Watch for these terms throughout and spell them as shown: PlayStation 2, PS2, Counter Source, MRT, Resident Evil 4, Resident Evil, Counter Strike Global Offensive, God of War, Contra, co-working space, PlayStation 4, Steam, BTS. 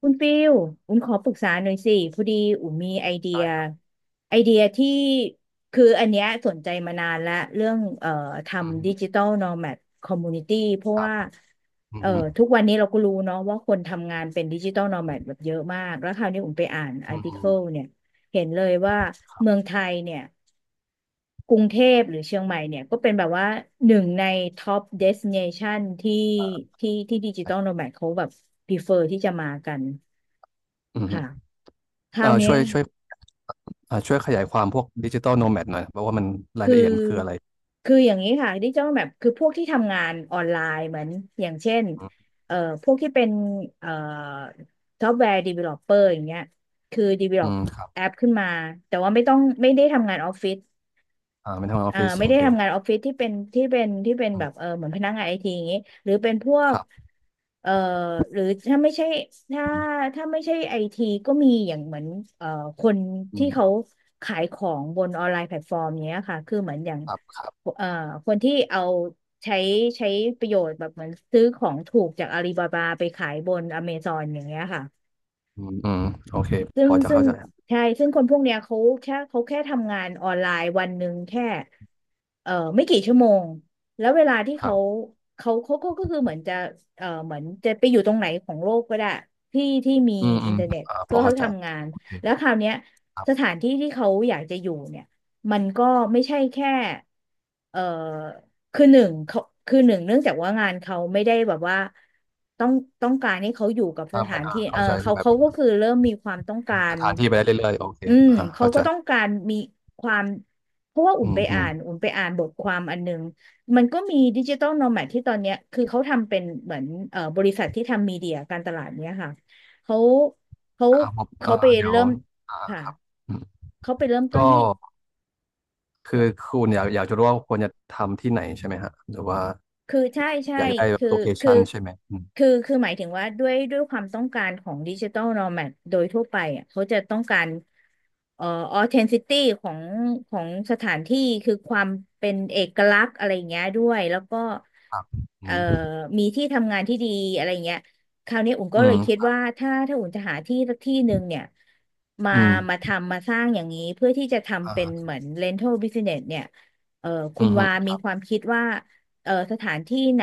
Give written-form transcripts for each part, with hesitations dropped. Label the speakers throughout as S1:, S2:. S1: คุณฟิลอุณขอปรึกษาหน่อยสิพอดีอุ้มมีไอเดีย
S2: ได้ครับ
S1: ไอเดียที่อันเนี้ยสนใจมานานละเรื่อง
S2: อื
S1: ทำดิจิ
S2: ม
S1: ตอลโนแมดคอมมูนิตี้เพราะ
S2: ครับ
S1: ว่า
S2: อืม
S1: เอ่อ
S2: อืม
S1: ทุกวันนี้เราก็รู้เนาะว่าคนทำงานเป็นดิจิตอลโนแมดแบบเยอะมาก แล้วคราวนี้อุ้มไปอ่านอา
S2: อื
S1: ร์
S2: ม
S1: ติ
S2: ฮึ
S1: เคิลเนี่ยเห็นเลยว่าเมืองไทยเนี่ยกรุงเทพหรือเชียงใหม่เนี่ยก็เป็นแบบว่าหนึ่งในท็อปเดส i n a t ชันที่ที่ดิจิตอ
S2: ไ
S1: ลโนแมดเขาแบบ prefer ที่จะมากัน
S2: อื
S1: ค่ะ
S2: ม
S1: คราวเนี้
S2: ช่
S1: ย
S2: วยช่วยช่วยขยายความพวกดิจิตอลโนแมดหน่อยเพราะว่ามันราย
S1: คือ
S2: ละเอียดมันคืออะไร
S1: คืออย่างนี้ค่ะดิจิทัลแมปคือพวกที่ทำงานออนไลน์เหมือนอย่างเช่น
S2: อืม
S1: เอ่อพวกที่เป็นเอ่อซอฟต์แวร์ดีเวลลอปเปอร์อย่างเงี้ยคือดีเวลล
S2: อื
S1: อ
S2: มครับ
S1: แอปขึ้นมาแต่ว่าไม่ได้ทำงานออฟฟิศ
S2: อ่าเป็นทำงานออฟฟิศ
S1: ไม่
S2: โอ
S1: ได้
S2: เค
S1: ทำงานออฟฟิศที่เป็น
S2: อื
S1: แบ
S2: ม
S1: บเออเหมือนพนักงานไอทีอย่างงี้หรือเป็นพว
S2: ค
S1: ก
S2: รับ
S1: เอ่อหรือถ้าไม่ใช่ถ้า
S2: อืม
S1: ถ้าไม่ใช่ไอทีก็มีอย่างเหมือนเอ่อคน
S2: อื
S1: ที่เขา
S2: ม
S1: ขายของบนออนไลน์แพลตฟอร์มเนี้ยค่ะคือเหมือนอย่าง
S2: ครับครับ
S1: เอ่อคนที่เอาใช้ใช้ประโยชน์แบบเหมือนซื้อของถูกจากอาลีบาบาไปขายบนอเมซอนอย่างเงี้ยค่ะ
S2: อืมอืมโอเค
S1: ซึ่
S2: พ
S1: ง
S2: อจะ
S1: ซึ่ง
S2: เข้าใจ
S1: ใช่ซึ่งคนพวกเนี้ยเขาแค่ทำงานออนไลน์วันหนึ่งแค่ไม่กี่ชั่วโมงแล้วเวลาที่
S2: ครับ
S1: เขาก็คือเหมือนจะเหมือนจะไปอยู่ตรงไหนของโลกก็ได้ที่มี
S2: อืมอื
S1: อิน
S2: ม
S1: เทอร์เน็ต
S2: อ่าพ
S1: เพื่
S2: อ
S1: อ
S2: เข้า
S1: เขา
S2: ใจ
S1: ทำงาน
S2: โอเค
S1: แล้วคราวเนี้ย
S2: ครับ
S1: สถานที่ที่เขาอยากจะอยู่เนี่ยมันก็ไม่ใช่แค่เอ่อ คือหนึ่งเขาคือหนึ่งเนื่องจากว่างานเขาไม่ได้แบบว่าต้องต้องการให้เขาอยู่กับส
S2: ถ้า
S1: ถา
S2: ไม่
S1: น
S2: อ่า
S1: ที่เอ
S2: เข้า
S1: อ
S2: ใจ
S1: เขา
S2: แบบ
S1: เขาก็คือเริ่มมีความต้อง
S2: เป็
S1: กา
S2: นส
S1: ร
S2: ถานที่ไปได้เรื่อยๆโอเค
S1: อืม
S2: อ่า
S1: เขา
S2: เข้าใจ
S1: ก็ต้องการมีความเพราะว่า
S2: อืมอืม
S1: อุ่นไปอ่านบทความอันหนึงมันก็มีดิจิตอลโนแมดที่ตอนเนี้ยคือเขาทำเป็นเหมือนบริษัทที่ทำมีเดียการตลาดเนี้ยค่ะเขาเขา
S2: ครับผมอ่า
S1: เขาไป
S2: เดี๋ยว
S1: เริ่ม
S2: อ่า
S1: ค่ะ
S2: ครับอืม
S1: เขาไปเริ่มต้
S2: ก็
S1: นที่
S2: คือคุณอยากอยากจะรู้ว่าควรจะทำที่ไหนใช่ไหมฮะหรือว่า
S1: คือใช่ใช่
S2: อยากจะได้แบบ
S1: คือ
S2: โลเค
S1: คือ
S2: ชั่นใช่ไหมอืม
S1: คือหมายถึงว่าด้วยความต้องการของดิจิตอลโนแมดโดยทั่วไปอ่ะเขาจะต้องการเอ่อออเทนซิตี้ของของสถานที่คือความเป็นเอกลักษณ์อะไรอย่างเงี้ยด้วยแล้วก็
S2: ครับอื
S1: เอ่อ
S2: ม
S1: มีที่ทำงานที่ดีอะไรอย่างเงี้ยคราวนี้อุ่น
S2: อื
S1: ก็เลยคิด
S2: ม
S1: ว่าถ้าอุ่นจะหาที่สักที่หนึ่งเนี่ยมา
S2: อืม
S1: มาทำมาสร้างอย่างนี้เพื่อที่จะ
S2: อ่
S1: ทำเป็นเห
S2: า
S1: มือน rental business เนี่ยเอ่อคุ
S2: อื
S1: ณ
S2: มฮึ
S1: วามีความคิดว่า สถานที่ไหน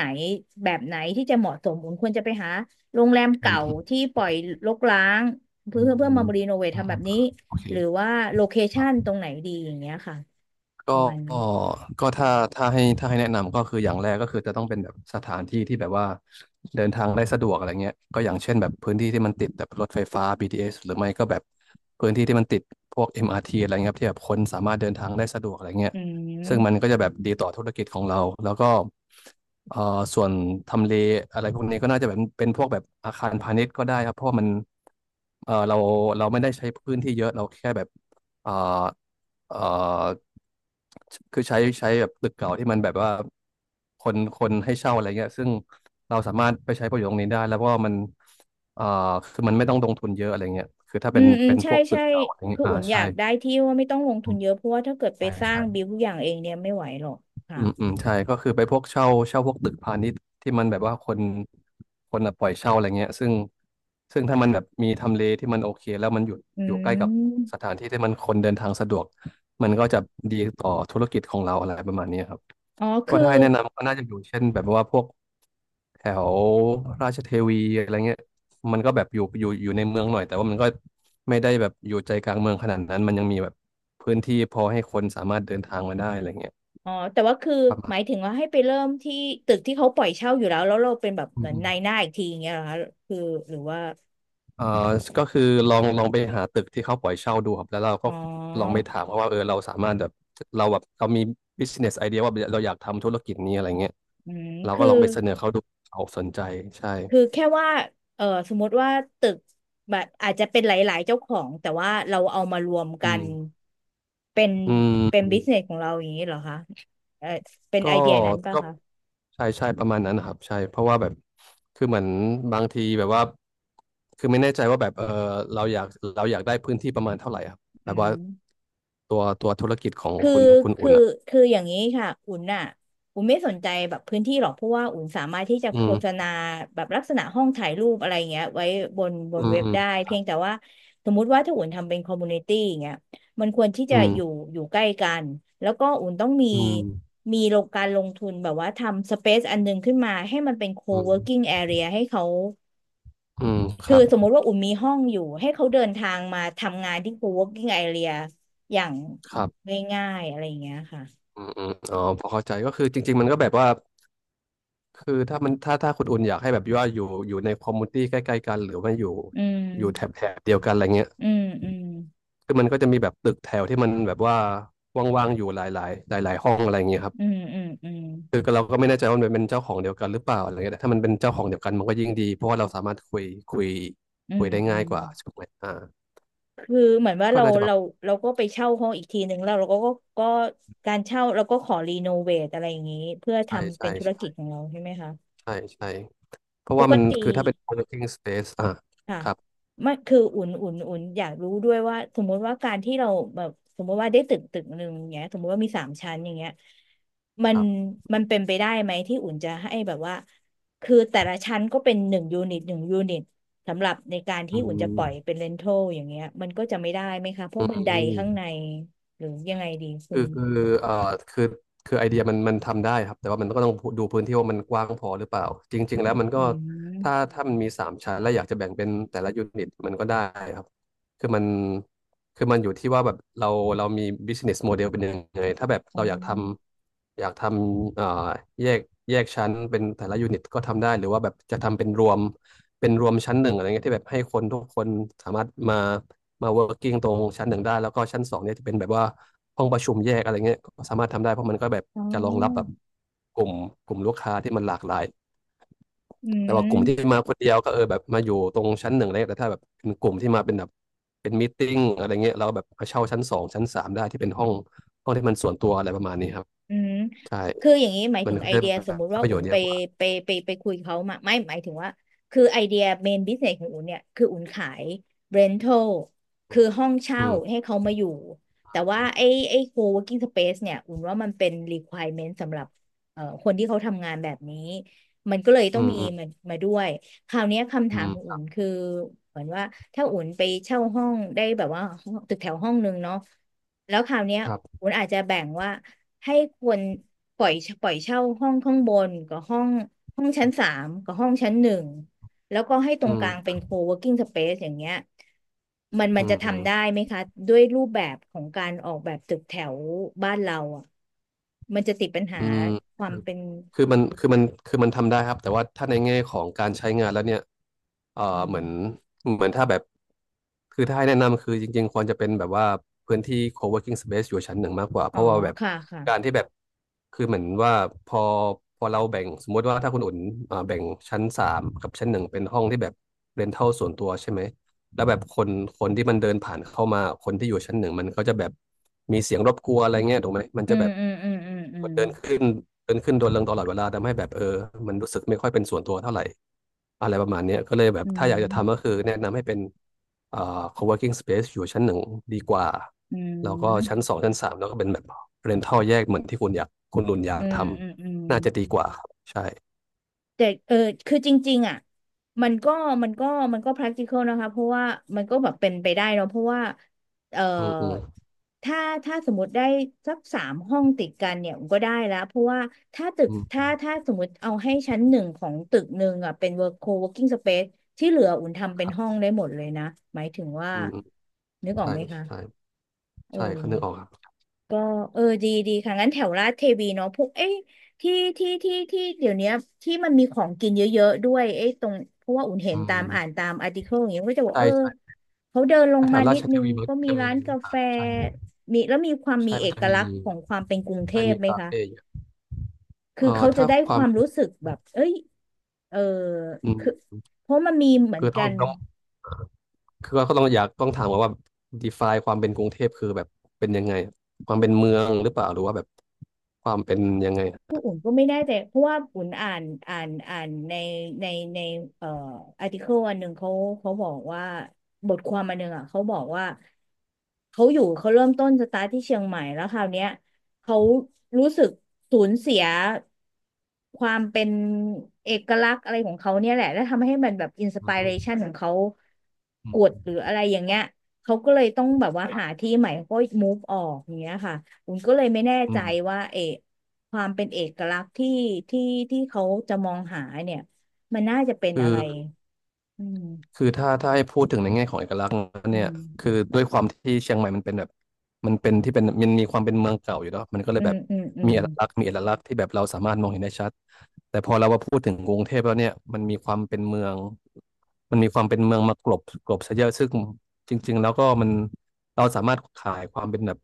S1: แบบไหนที่จะเหมาะสมบุญควรจะไปหาโรงแรม
S2: อื
S1: เก่า
S2: มฮึ
S1: ที่ปล่อยรกร้าง
S2: อืม
S1: เพื่อ
S2: อืม
S1: มารีโนเวท
S2: อืม
S1: ทำแบ
S2: อืม
S1: บนี้
S2: โอเค
S1: หรือว่าโลเค
S2: ค
S1: ชั
S2: รั
S1: นต
S2: บ
S1: รงไหนดีอย่างเงี้ยค่ะประ
S2: ก็
S1: มาณนี้
S2: ก็ถ้าถ้าให้ถ้าให้แนะนำก็คืออย่างแรกก็คือจะต้องเป็นแบบสถานที่ที่แบบว่าเดินทางได้สะดวกอะไรเงี้ยก็อย่างเช่นแบบพื้นที่ที่มันติดแบบรถไฟฟ้า BTS หรือไม่ก็แบบพื้นที่ที่มันติดพวก MRT อมอาร์ทีอะไรเงี้ยครับที่แบบคนสามารถเดินทางได้สะดวกอะไรเงี้ย
S1: อื
S2: ซึ่ง
S1: ม
S2: มันก็จะแบบดีต่อธุรกิจของเราแล้วก็เอ่อส่วนทำเลอะไรพวกนี้ก็น่าจะแบบเป็นพวกแบบอาคารพาณิชย์ก็ได้ครับเพราะว่ามันเราเราไม่ได้ใช้พื้นที่เยอะเราแค่แบบ เอ่อเอ่อคือใช้ใช้แบบตึกเก่าที่มันแบบว่าคนคนให้เช่าอะไรเงี้ยซึ่งเราสามารถไปใช้ประโยชน์ตรงนี้ได้แล้วก็มันเอ่อคือมันไม่ต้องลงทุนเยอะอะไรเงี้ยคือถ้า
S1: อื
S2: เป็น
S1: มอืม
S2: เป็นพ
S1: ใช่
S2: วกตึ
S1: ใช่
S2: กเก่าอะไรเงี้
S1: คื
S2: ย
S1: อ
S2: อ่า
S1: อุ่นอ
S2: ใช่
S1: ยากได้ที่ว่าไม่ต้องลงทุ
S2: อื
S1: น
S2: ม
S1: เยอะเพราะว่าถ้าเกิดไป
S2: ใช่
S1: สร้างบิว
S2: ใช่
S1: ทุกอย่างเองเนี่ยไม่ไหวหรอกค่ะ
S2: อืมอืมใช่ก็คือไปพวกเช่าเช่าพวกตึกพาณิชย์ที่มันแบบว่าคนคนอะปล่อยเช่าอะไรเงี้ยซึ่งซึ่งถ้ามันแบบมีทำเลที่มันโอเคแล้วมันอยู่
S1: อื
S2: อยู่ใกล้กับส
S1: ม
S2: ถานที่ที่มันคนเดินทางสะดวกมันก็จะดีต่อธุรกิจของเราอะไรประมาณนี้ครับ
S1: อ๋อ
S2: ก็
S1: คือ
S2: ถ้าให้แนะนำก็น่าจะอยู่เช่นแบบว่าพวกแถวราชเทวีอะไรเงี้ยมันก็แบบอยู่อยู่อยู่ในเมืองหน่อยแต่ว่ามันก็ไม่ได้แบบอยู่ใจกลางเมืองขนาดนั้นมันยังมีแบบพื้นที่พอให้คนสามารถเดินทางมาได้อะไรเงี้ย
S1: อ๋อแต่ว่าคือหมายถึงว่าให้ไปเริ่มที่ตึกที่เขาปล่อยเช่าอยู่แล้วแล้วเราเป็นแบบ
S2: อื
S1: เห
S2: ม
S1: มือน
S2: อืม
S1: นายหน้าอีกทีอย่างเงี้ยเหรอคะคือหรือว่า
S2: เอ่อก็คือลองลองไปหาตึกที่เขาปล่อยเช่าดูครับแล้วเราก็
S1: อ๋
S2: ลองไป
S1: อ
S2: ถามเขาว่าเออเราสามารถแบบเราแบบเรามี business idea ว่าเราอยากทำธุรกิจนี้อะไรเงี้ย
S1: อืม
S2: เรา
S1: คื
S2: ก็
S1: อ
S2: ลองไปเสนอเขาดูเขาสนใจใช่
S1: คือแค่ว่าเออสมมติว่าตึกแบบอาจจะเป็นหลายๆเจ้าของ แต่ว่าเราเอามารวม
S2: อื
S1: กั
S2: ม
S1: น เป็น
S2: อืม
S1: เป็นบิสเนสของเราอย่างนี้เหรอคะเออเป็น
S2: ก็
S1: ไอเดียนั้นป่ะ
S2: ก็
S1: คะ
S2: ใช่ใช่ประมาณนั้นนะครับใช่เพราะว่าแบบคือเหมือนบางทีแบบว่าคือไม่แน่ใจว่าแบบเออเราอยากเราอยากได้พื้นที่ประมาณเท่าไหร่ครับ
S1: อื
S2: แบบ
S1: ม
S2: ว่าตัวตัวธุรกิจของ
S1: คือ
S2: คุณคุณ
S1: คื
S2: อุ่
S1: อ
S2: นอ่ะ
S1: คืออย่างนี้ค่ะอุ่นน่ะอุ่นไม่สนใจแบบพื้นที่หรอกเพราะว่าอุ่นสามารถที่จะ
S2: อื
S1: โฆ
S2: ม
S1: ษณาแบบลักษณะห้องถ่ายรูปอะไรเงี้ยไว้บ
S2: อื
S1: น
S2: ม
S1: เว็บ
S2: อืม
S1: ได้เพียงแต่ว่าสมมุติว่าถ้าอุ่นทำเป็นคอมมูนิตี้อย่างเงี้ยมันควรที่จะ
S2: อืม
S1: อยู่ใกล้กันแล้วก็อุ่นต้องมี
S2: อืม
S1: มีโลงการลงทุนแบบว่าทำสเปซอันหนึงขึ้นมาให้มันเป็นโค
S2: อื
S1: เวิร์กิ้ง
S2: ม
S1: แอเรียให้เขา
S2: อืมค
S1: คือ
S2: รับ
S1: สมมุติว่าอุ่นมีห้องอยู่ให้เขาเดินทางมาทำงานที่โคเวิร์กิ้งแอรีอย่าง
S2: ครับ
S1: ง่ายๆอะไรอย่างเงี้ยค่ะ
S2: อืมอืมอ๋อพอเข้าใจก็คือจริงๆมันก็แบบว่าคือถ้ามันถ้าถ้าคุณอุ่นอยากให้แบบว่าอยู่อยู่ในคอมมูนิตี้ใกล้ๆกันหรือว่าอยู่
S1: อื
S2: อยู่แถบ
S1: ม
S2: แถบเดียวกันอะไรเงี้ย
S1: อืมอืม
S2: คือมันก็จะมีแบบตึกแถวที่มันแบบว่าว่างๆอยู่หลายๆหลายๆห้องอะไรเงี้ยครับ
S1: อืมอืมอืม
S2: คือเราก็ไม่แน่ใจว่ามันเป็นเจ้าของเดียวกันหรือเปล่าอะไรเงี้ยแต่ถ้ามันเป็นเจ้าของเดียวกันมันก็ยิ่งดีเพราะว่าเราสามารถคุยคุย
S1: อื
S2: คุย
S1: ม
S2: ได้
S1: อื
S2: ง่าย
S1: ม
S2: กว่าใช่ไหมอ่า
S1: คือเหมือนว่า
S2: ก็
S1: เรา
S2: น่าจะแบบ
S1: เราเราก็ไปเช่าห้องอีกทีหนึ่งแล้วเราก็ก็การเช่าเราก็ขอรีโนเวทอะไรอย่างนี้เพื่อ
S2: ใช่
S1: ทำเป็
S2: ใช่
S1: นธุร
S2: ใ
S1: กิจของเราใช่ไหมคะ
S2: ช่ใช่ เพราะ
S1: ป
S2: ว่ามัน
S1: กติ
S2: คือถ้าเป็น co-working space อ่ะ
S1: ค่ะ
S2: ครับ
S1: ไม่คืออุ่นอยากรู้ด้วยว่าสมมติว่าการที่เราแบบสมมติว่าได้ตึกหนึ่งอย่างเงี้ยสมมติว่ามีสามชั้นอย่างเงี้ยมั
S2: ค
S1: น
S2: รับ
S1: มันเป็นไปได้ไหมที่อุ่นจะให้แบบว่าคือแต่ละชั้นก็เป็นหนึ่งยูนิตหนึ่งยูนิตสำหรับในการ
S2: อื
S1: ที่อุ่นจะ
S2: ม
S1: ปล่อยเป็นเรนทัลอย่างเงี้ยมันก็จะไม่ได้ไหมคะ เพ
S2: อื
S1: ราะบันได
S2: ม
S1: ข้างในหรือยังไงดีคุ
S2: คือ
S1: ณ
S2: คือเอ่อคือคือไอเดียมันมันทำได้ครับแต่ว่ามันก็ต้องดูพื้นที่ว่ามันกว้างพอหรือเปล่าจริงๆแล้วมันก็
S1: อืม
S2: ถ้าถ้ามันมี3 ชั้นและอยากจะแบ่งเป็นแต่ละยูนิตมันก็ได้ครับคือมันคือมันอยู่ที่ว่าแบบเราเรามี business model เป็นยังไงถ้าแบบ
S1: อ๋อ
S2: เราอยากทำอยากทำแยกแยกชั้นเป็นแต่ละยูนิตก็ทำได้หรือว่าแบบจะทำเป็นรวมเป็นรวมชั้นหนึ่งอะไรเงี้ยที่แบบให้คนทุกคนสามารถมา มา working ตรงชั้นหนึ่งได้แล้วก็ชั้นสองเนี่ยจะเป็นแบบว่าห้องประชุมแยกอะไรเงี้ยก็สามารถทำได้เพราะมันก็แบบ
S1: อ๋
S2: จะรองรับแบบ
S1: อ
S2: กลุ่มกลุ่มลูกค้าที่มันหลากหลาย
S1: อื
S2: แต่ว่ากลุ่มที่
S1: ม
S2: มาคนเดียวก็เออแบบมาอยู่ตรงชั้นหนึ่งอะไรเงี้ยแต่ถ้าแบบเป็นกลุ่มที่มาเป็นแบบเป็นมีตติ้งอะไรเงี้ยเราแบบมาเช่าชั้นสองชั้นสามได้ที่เป็นห้องที่มันส่วนตัวอะไรประมาณนี้ครับ
S1: อืม
S2: ใช่
S1: คืออย่างนี้หมาย
S2: มั
S1: ถึ
S2: น
S1: ง
S2: ก็
S1: ไอ
S2: จะแ
S1: เดียส
S2: บ
S1: ม
S2: บ
S1: มุติ
S2: ได้
S1: ว่า
S2: ประโย
S1: อุ่
S2: ช
S1: น
S2: น์เย
S1: ไป
S2: อะกว่า
S1: ไปไปไปคุยเขามาไม่หมายถึงว่าคือไอเดียเมนบิสเนสของอุ่นเนี่ยคืออุ่นขายเรน t a ลคือห้อง
S2: อื
S1: เช่า
S2: ม
S1: ให้เขามาอยู่แต่ว่า
S2: อื
S1: ไอโคเวิร์กิ้งสเปซเนี่ยอุ่นว่ามันเป็น requirement สำหรับคนที่เขาทำงานแบบนี้มันก็เลย
S2: ม
S1: ต้
S2: อื
S1: องมี
S2: ม
S1: มันมาด้วย คราวเนี้ยคำ
S2: อื
S1: ถามของอุ่
S2: ม
S1: นคือเหมือนว่าถ้าอุ่นไปเช่าห้องได้แบบว่าห้องตึกแถวห้องนึงเนาะแล้วคราวเนี้ย
S2: ครับ
S1: อุ่นอาจจะแบ่งว่าให้คนปล่อยปล่อยเช่าห้องข้างบนกับห้องชั้นสามกับห้องชั้นหนึ่งแล้วก็ให้ตร
S2: อื
S1: งกลางเป็น
S2: ม
S1: โคเวิร์กิ้งสเปซอย่างเงี้ยมั
S2: อื
S1: นจะทำได้
S2: ม
S1: ไหมคะด้วยรูปแบบของการออกแบบตึกแถวบ้านเราอ่ะมันจะติดปัญหา
S2: อืม
S1: ควา
S2: ค
S1: ม
S2: อ
S1: เป็น
S2: คือมันคือมันคือมันทำได้ครับแต่ว่าถ้าในแง่ของการใช้งานแล้วเนี่ยเอ่อ
S1: อื
S2: เห
S1: ม
S2: มือนเหมือนถ้าแบบคือถ้าให้แนะนำคือจริงๆควรจะเป็นแบบว่าพื้นที่ co-working space อยู่ชั้นหนึ่งมากกว่าเพ
S1: อ๋อ
S2: ราะว่าแบบ
S1: ค่ะค่ะ
S2: การที่แบบคือเหมือนว่าพอพอเราแบ่งสมมติว่าถ้าคุณอุ่นแบ่งชั้นสามกับชั้นหนึ่งเป็นห้องที่แบบเรนทัลส่วนตัวใช่ไหม แล้วแบบคนที่มันเดินผ่านเข้ามาคนที่อยู่ชั้นหนึ่งมันก็จะแบบมีเสียงรบกวนอะไรเงี้ยถูกไหมมัน
S1: อื
S2: จะแบ
S1: ม
S2: บ
S1: อืมอืมอืมอืม
S2: เดินขึ้นเดินขึ้นโดนลงตลอดเวลาทำให้แบบเออมันรู้สึกไม่ค่อยเป็นส่วนตัวเท่าไหร่อะไรประมาณเนี้ยก็เลยแบบถ้าอยากจะทำก็คือแนะนำให้เป็นเอ่อ co-working space อยู่ชั้นหนึ่งดีกว่า
S1: อื
S2: แล้วก็ชั้น
S1: ม
S2: สองชั้นสามแล้วก็เป็นแบบ rental แยกเหมือนที่คุณอยากคุณรุนอยา
S1: อื
S2: ก
S1: ม
S2: ท
S1: อืมอืมอื
S2: ำน่าจะ
S1: ม
S2: ดีกว่าครับใช่
S1: แต่เออคือจริงๆอ่ะมันก็มันก็มันก็ practical นะคะเพราะว่ามันก็แบบเป็นไปได้เนอะเพราะว่าเออ
S2: อืมอืม
S1: ถ้าสมมติได้สักสามห้องติดกันเนี่ยก็ได้แล้วเพราะว่าถ้าตึก
S2: อืม
S1: ถ้าถ้าสมมติเอาให้ชั้นหนึ่งของตึกหนึ่งอ่ะเป็น co-working space ที่เหลืออุ่นทำเป็
S2: ค
S1: น
S2: รั
S1: ห้อง
S2: บ
S1: ได้หมดเลยนะหมายถึงว่า
S2: อืมอืม
S1: นึกออก
S2: ใช่
S1: ไหม
S2: ใช่
S1: คะเอ
S2: ใช่เขานึกออก
S1: อ
S2: ครับ
S1: ก็เออดีค่ะงั้นแถวลาดเทวีเนาะพวกเอ้ยที่ที่ที่เดี๋ยวเนี้ยที่มันมีของกินเยอะๆด้วยเอ้ยตรงเพราะว่าอุ่นเห็
S2: อื
S1: นตามอ่าน
S2: ม
S1: ตามอาร์ติเคิลอย่างเงี้ยก็จะบอก
S2: ใช่
S1: เออ
S2: ใช่
S1: เขาเดินลง
S2: ถ้าแถ
S1: มา
S2: วรา
S1: นิด
S2: ชเท
S1: นึง
S2: วีมัน
S1: ก็
S2: ก็
S1: มี
S2: จะมี
S1: ร้านกา
S2: อ่า
S1: แฟ
S2: ใช่อยู่
S1: มีแล้วมีความมี
S2: ใช่
S1: เอ
S2: มันจะ
S1: ก
S2: มี
S1: ลักษณ์ของความเป็นกรุงเท
S2: จะ
S1: พ
S2: มี
S1: ไหม
S2: คา
S1: คะ
S2: เฟ่เยอะ
S1: คือ
S2: เอ่อ
S1: เขาจะ
S2: ถ้า
S1: ได้
S2: ค
S1: ค
S2: วาม
S1: วาม
S2: เป็น
S1: รู้สึกแบบเอ้ยเออ
S2: อื
S1: คือ
S2: ม
S1: เพราะมันมีเหมือ
S2: คื
S1: น
S2: อต้
S1: กั
S2: อง
S1: น
S2: ต้องคือก็ต้องอยากต้องถามก่อนว่า define ความเป็นกรุงเทพคือแบบเป็นยังไงความเป็นเมืองหรือเปล่าหรือว่าแบบความเป็นยังไง
S1: คืออุ่นก็ไม่แน่ใจเพราะว่าอุ่นอ่านในในในเอ่ออาร์ติเคิลอันหนึ่งเขาบอกว่าบทความอันหนึ่งอ่ะเขาบอกว่าเขาเริ่มต้นสตาร์ทที่เชียงใหม่แล้วคราวเนี้ยเขารู้สึกสูญเสียความเป็นเอกลักษณ์อะไรของเขาเนี่ยแหละแล้วทำให้มันแบบอินส
S2: อื
S1: ปิเรชั
S2: ม
S1: นของเขา
S2: อื
S1: กดหรื
S2: ม
S1: ออะไรอย่างเงี้ยเขาก็เลยต้องแบบว่าหาที่ใหม่เขาก็ move ออกอย่างเงี้ยค่ะผมก็เลยไม่แน่ใจ
S2: อืม
S1: ว่าเออ ความเป็นเอกลักษณ์ที่ที่เขาจะมองหาเนี่ยมันน่าจะเป็น
S2: คือ
S1: อะไรอืม
S2: คือถ้าถ้าให้พูดถึงในแง่ของเอกลักษณ์
S1: อื
S2: เนี่ย
S1: ม
S2: คือด้วยความที่เชียงใหม่มันเป็นแบบมันเป็นที่เป็นมันมีความเป็นเมืองเก่าอยู่เนาะมันก็เล
S1: อื
S2: ยแบ
S1: ม
S2: บ
S1: อืมอื
S2: มี
S1: ม
S2: เอกลักษณ์มีเอกลักษณ์ที่แบบเราสามารถมองเห็นได้ชัดแต่พอเรามาพูดถึงกรุงเทพแล้วเนี่ยมันมีความเป็นเมืองมันมีความเป็นเมืองมากลบซะเยอะซึ่งจริงๆแล้วก็มันเราสามารถขายความเป็นแบบ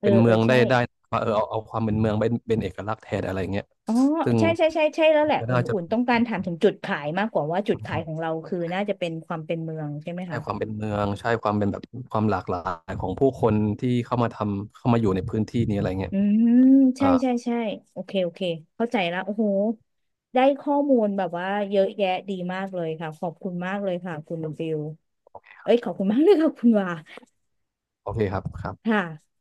S1: เออ
S2: เป็น
S1: เอ
S2: เมื
S1: อ
S2: องได้
S1: ใช่
S2: ได้ว่าเออเอาความเป็นเมืองเป็นเอกลักษณ์แทนอะไรเงี้ย
S1: อ๋อ
S2: ซึ่ง
S1: ใช่ใช่ใช่ใช่แล้วแหละ
S2: ก็น่าจะ
S1: อุ่นต้องการถามถึงจุดขายมากกว่าว่าจุดขายของเราคือน่าจะเป็นความเป็นเมืองใช่ไหม
S2: ใช่
S1: คะ
S2: ความเป็นเมืองใช่ความเป็นแบบความหลากหลายของผู้คนที่เข้ามาทำเข้ามาอยู่ในพื้นที่นี้อะไรเงี้ย
S1: อืมใช่
S2: อ่า
S1: ใช่ใช่โอเคโอเคเข้าใจแล้วโอ้โหได้ข้อมูลแบบว่าเยอะแยะดีมากเลยค่ะขอบคุณมากเลยค่ะคุณฟิลเอ้ยขอบคุณมากเลยค่ะคุณวา
S2: โอเคครับครับ
S1: ค่ะ